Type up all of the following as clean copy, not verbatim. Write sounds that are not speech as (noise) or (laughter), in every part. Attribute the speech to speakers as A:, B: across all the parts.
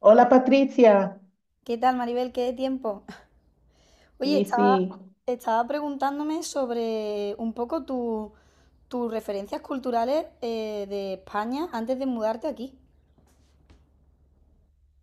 A: Hola Patricia.
B: ¿Qué tal, Maribel? ¿Qué de tiempo? (laughs) Oye,
A: sí
B: estaba,
A: sí,
B: estaba preguntándome sobre un poco tus referencias culturales de España antes de mudarte aquí.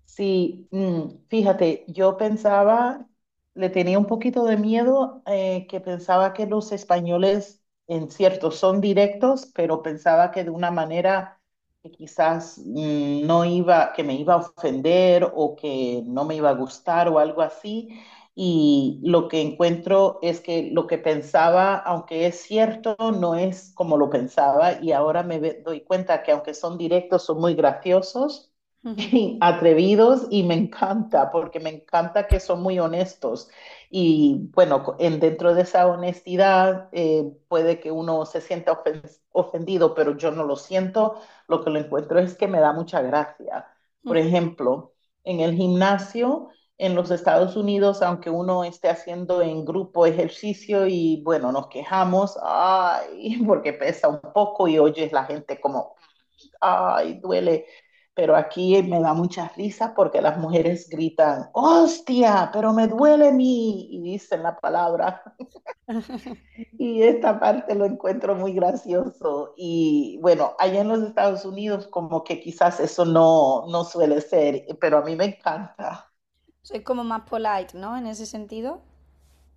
A: Sí, fíjate, yo pensaba, le tenía un poquito de miedo, que pensaba que los españoles, en cierto, son directos, pero pensaba que de una manera que quizás, no iba, que me iba a ofender o que no me iba a gustar o algo así. Y lo que encuentro es que lo que pensaba, aunque es cierto, no es como lo pensaba. Y ahora doy cuenta que aunque son directos, son muy graciosos.
B: (laughs)
A: (laughs) Atrevidos, y me encanta, porque me encanta que son muy honestos. Y bueno, dentro de esa honestidad, puede que uno se sienta ofendido, pero yo no lo siento. Lo que lo encuentro es que me da mucha gracia. Por ejemplo, en el gimnasio en los Estados Unidos, aunque uno esté haciendo en grupo ejercicio y bueno, nos quejamos, ay, (laughs) porque pesa un poco y oyes la gente como ay, duele. Pero aquí me da muchas risas porque las mujeres gritan, hostia, pero me duele mi, y dicen la palabra. Y esta parte lo encuentro muy gracioso. Y bueno, allá en los Estados Unidos como que quizás eso no suele ser, pero a mí me encanta.
B: Sois como más polite, ¿no? En ese sentido.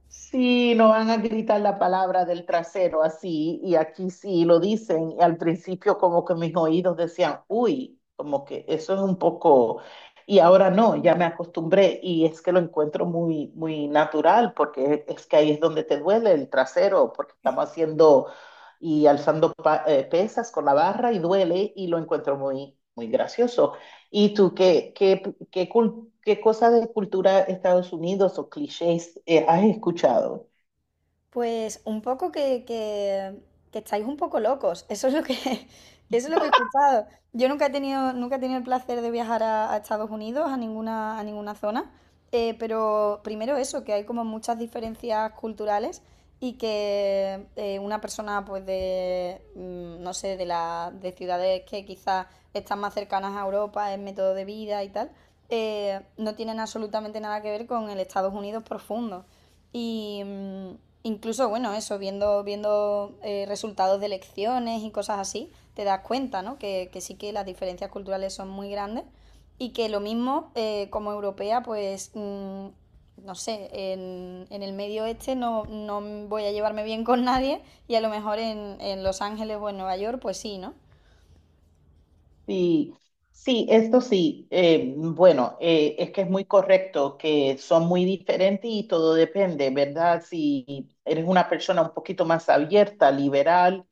A: Sí, no van a gritar la palabra del trasero así, y aquí sí lo dicen, y al principio como que mis oídos decían, uy, como que eso es un poco, y ahora no, ya me acostumbré, y es que lo encuentro muy, muy natural, porque es que ahí es donde te duele el trasero, porque estamos haciendo y alzando pesas con la barra y duele, y lo encuentro muy, muy gracioso. ¿Y tú qué cosas de cultura Estados Unidos o clichés, has escuchado?
B: Pues un poco que estáis un poco locos. Eso es lo que, (laughs) eso es lo que he escuchado. Yo nunca he tenido, nunca he tenido el placer de viajar a Estados Unidos, a ninguna zona. Pero primero eso, que hay como muchas diferencias culturales y que una persona pues no sé, de ciudades que quizás están más cercanas a Europa en método de vida y tal, no tienen absolutamente nada que ver con el Estados Unidos profundo. Y incluso, bueno, eso, viendo resultados de elecciones y cosas así, te das cuenta, ¿no? Que sí que las diferencias culturales son muy grandes y que lo mismo como europea, pues, no sé, en el medio este no voy a llevarme bien con nadie y a lo mejor en Los Ángeles o en Nueva York, pues sí, ¿no?
A: Sí, sí, esto sí. Bueno, es que es muy correcto que son muy diferentes y todo depende, ¿verdad? Si eres una persona un poquito más abierta, liberal,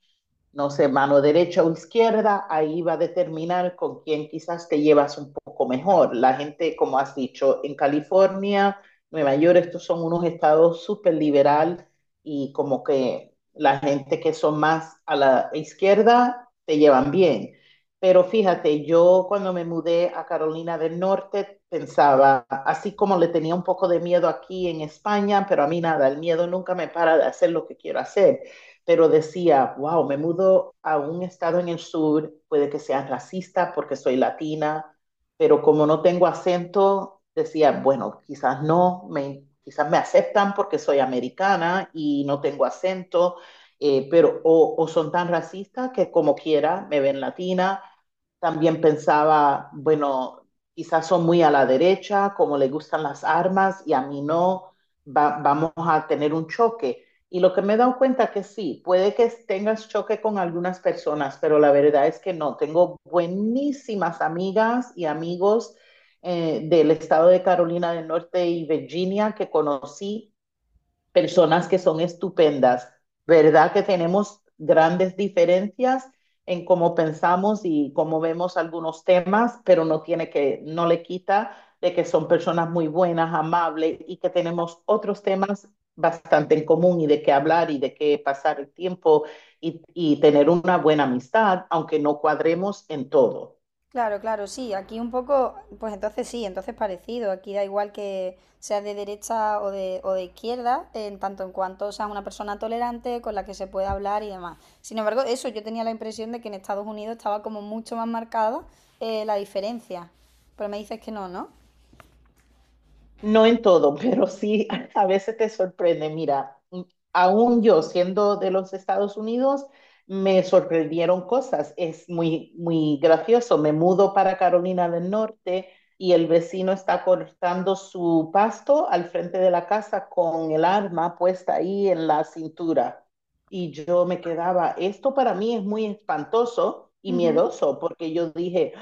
A: no sé, mano derecha o izquierda, ahí va a determinar con quién quizás te llevas un poco mejor. La gente, como has dicho, en California, Nueva York, estos son unos estados súper liberal, y como que la gente que son más a la izquierda te llevan bien. Pero fíjate, yo cuando me mudé a Carolina del Norte pensaba, así como le tenía un poco de miedo aquí en España, pero a mí nada, el miedo nunca me para de hacer lo que quiero hacer, pero decía, wow, me mudo a un estado en el sur, puede que sea racista porque soy latina, pero como no tengo acento, decía, bueno, quizás no, me, quizás me aceptan porque soy americana y no tengo acento, son tan racistas que como quiera me ven latina, también pensaba, bueno, quizás son muy a la derecha, como le gustan las armas y a mí no, vamos a tener un choque. Y lo que me he dado cuenta que sí, puede que tengas choque con algunas personas, pero la verdad es que no. Tengo buenísimas amigas y amigos del estado de Carolina del Norte y Virginia, que conocí personas que son estupendas, ¿verdad? Que tenemos grandes diferencias en cómo pensamos y cómo vemos algunos temas, pero no tiene que, no le quita de que son personas muy buenas, amables, y que tenemos otros temas bastante en común y de qué hablar y de qué pasar el tiempo y tener una buena amistad, aunque no cuadremos en todo.
B: Claro, claro, sí, aquí un poco, pues entonces sí, entonces parecido, aquí da igual que seas de derecha o de izquierda, en tanto en cuanto seas una persona tolerante con la que se puede hablar y demás. Sin embargo, eso, yo tenía la impresión de que en Estados Unidos estaba como mucho más marcada la diferencia, pero me dices que no, ¿no?
A: No en todo, pero sí. (laughs) A veces te sorprende. Mira, aún yo siendo de los Estados Unidos, me sorprendieron cosas. Es muy, muy gracioso. Me mudo para Carolina del Norte y el vecino está cortando su pasto al frente de la casa con el arma puesta ahí en la cintura. Y yo me quedaba, esto para mí es muy espantoso y
B: Ujú.
A: miedoso, porque yo dije,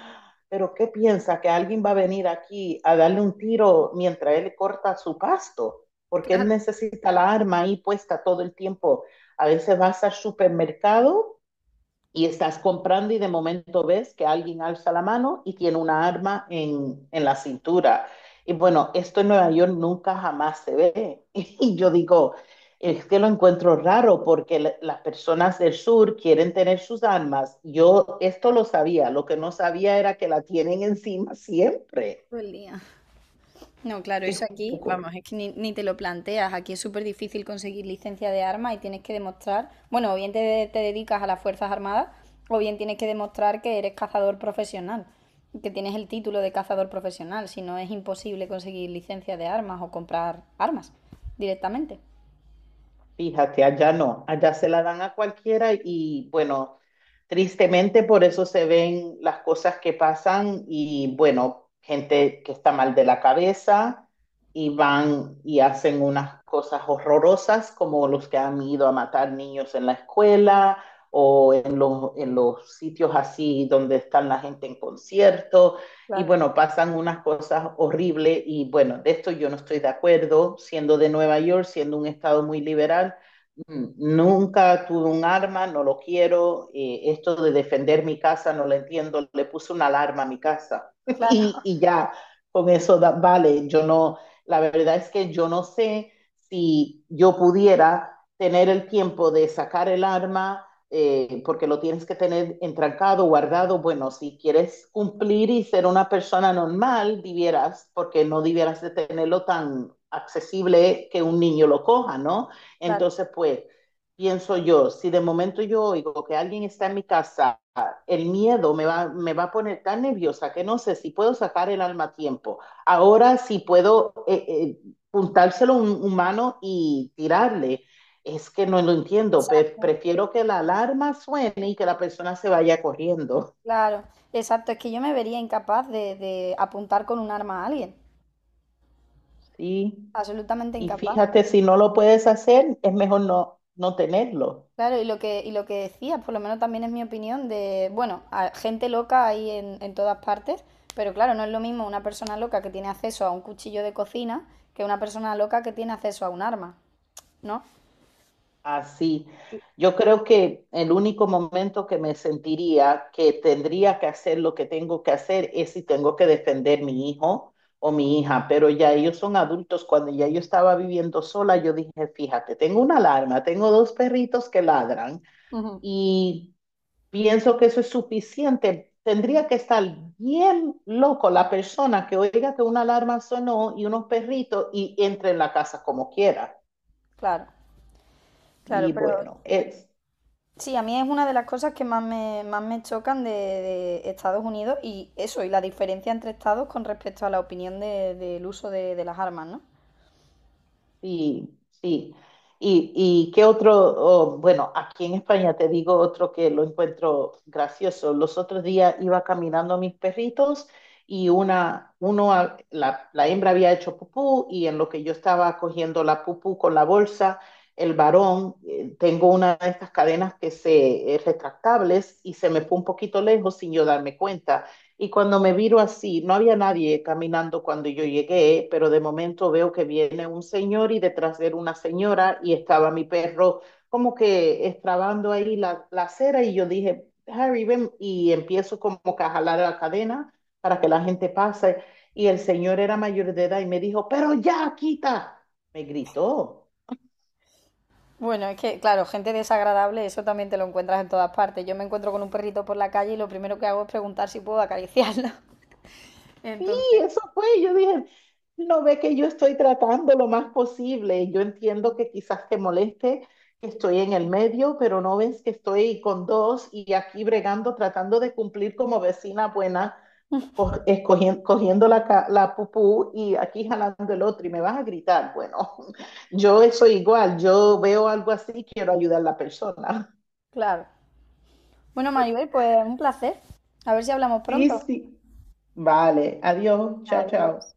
A: pero ¿qué piensa? ¿Que alguien va a venir aquí a darle un tiro mientras él corta su pasto? Porque él necesita la arma ahí puesta todo el tiempo. A veces vas al supermercado y estás comprando y de momento ves que alguien alza la mano y tiene una arma en la cintura. Y bueno, esto en Nueva York nunca jamás se ve. (laughs) Y yo digo, es que lo encuentro raro porque las personas del sur quieren tener sus armas. Yo esto lo sabía, lo que no sabía era que la tienen encima siempre.
B: Todo el día. No, claro,
A: Es
B: eso
A: un
B: aquí,
A: poco.
B: vamos, es que ni te lo planteas. Aquí es súper difícil conseguir licencia de armas y tienes que demostrar, bueno, o bien te dedicas a las Fuerzas Armadas, o bien tienes que demostrar que eres cazador profesional, que tienes el título de cazador profesional, si no es imposible conseguir licencia de armas o comprar armas directamente.
A: Fíjate, allá no, allá se la dan a cualquiera y bueno, tristemente por eso se ven las cosas que pasan y bueno, gente que está mal de la cabeza y van y hacen unas cosas horrorosas como los que han ido a matar niños en la escuela o en los sitios así donde están la gente en concierto, y
B: Claro,
A: bueno, pasan unas cosas horribles y bueno, de esto yo no estoy de acuerdo, siendo de Nueva York, siendo un estado muy liberal. Mm, Nunca tuve un arma, no lo quiero, esto de defender mi casa no lo entiendo, le puse una alarma a mi casa (laughs) y,
B: claro,
A: y ya, con eso da, vale, yo no, la verdad es que yo no sé si yo pudiera tener el tiempo de sacar el arma, porque lo tienes que tener entrancado, guardado. Bueno, si quieres cumplir y ser una persona normal, debieras, porque no debieras de tenerlo tan accesible que un niño lo coja, ¿no?
B: claro.
A: Entonces, pues, pienso yo, si de momento yo oigo que alguien está en mi casa, el miedo me va a poner tan nerviosa que no sé si puedo sacar el alma a tiempo. Ahora, si puedo... puntárselo a un humano y tirarle, es que no lo entiendo,
B: Exacto,
A: prefiero que la alarma suene y que la persona se vaya corriendo,
B: claro. Exacto, es que yo me vería incapaz de apuntar con un arma a alguien.
A: ¿sí?
B: Absolutamente
A: Y
B: incapaz.
A: fíjate, si no lo puedes hacer, es mejor no, no tenerlo.
B: Claro, y lo que decías, por lo menos también es mi opinión de, bueno, a- gente loca hay en todas partes, pero claro, no es lo mismo una persona loca que tiene acceso a un cuchillo de cocina que una persona loca que tiene acceso a un arma, ¿no?
A: Así. Yo creo que el único momento que me sentiría que tendría que hacer lo que tengo que hacer es si tengo que defender mi hijo o mi hija, pero ya ellos son adultos. Cuando ya yo estaba viviendo sola, yo dije, fíjate, tengo una alarma, tengo dos perritos que ladran.
B: Ujú.
A: Y pienso que eso es suficiente. Tendría que estar bien loco la persona que oiga que una alarma sonó y unos perritos y entre en la casa como quiera.
B: Claro, claro,
A: Y
B: pero
A: bueno, es...
B: sí, a mí es una de las cosas que más más me chocan de Estados Unidos y eso, y la diferencia entre estados con respecto a la opinión del uso de las armas, ¿no?
A: Sí, sí. ¿Y y qué otro? Oh, bueno, aquí en España te digo otro que lo encuentro gracioso. Los otros días iba caminando a mis perritos y una, uno, a- la hembra había hecho pupú y en lo que yo estaba cogiendo la pupú con la bolsa, el varón, tengo una de estas cadenas que se, retractables, y se me fue un poquito lejos sin yo darme cuenta. Y cuando me viro así, no había nadie caminando cuando yo llegué, pero de momento veo que viene un señor y detrás de él una señora, y estaba mi perro como que estrabando ahí la acera, y yo dije, Harry, ven, y empiezo como que a jalar la cadena para que la gente pase. Y el señor era mayor de edad y me dijo, pero ya, quita, me gritó.
B: Bueno, es que, claro, gente desagradable, eso también te lo encuentras en todas partes. Yo me encuentro con un perrito por la calle y lo primero que hago es preguntar si puedo acariciarlo. (laughs)
A: Sí,
B: Entonces,
A: eso fue, yo dije, no ve que yo estoy tratando lo más posible, yo entiendo que quizás te moleste, que estoy en el medio, pero no ves que estoy con dos y aquí bregando, tratando de cumplir como vecina buena, cogiendo la pupú y aquí jalando el otro y me vas a gritar. Bueno, (laughs) yo soy igual, yo veo algo así, quiero ayudar a la persona.
B: claro. Bueno, Maribel, pues un placer. A ver si hablamos
A: Sí,
B: pronto.
A: sí. Vale, adiós, chao,
B: Adiós.
A: chao.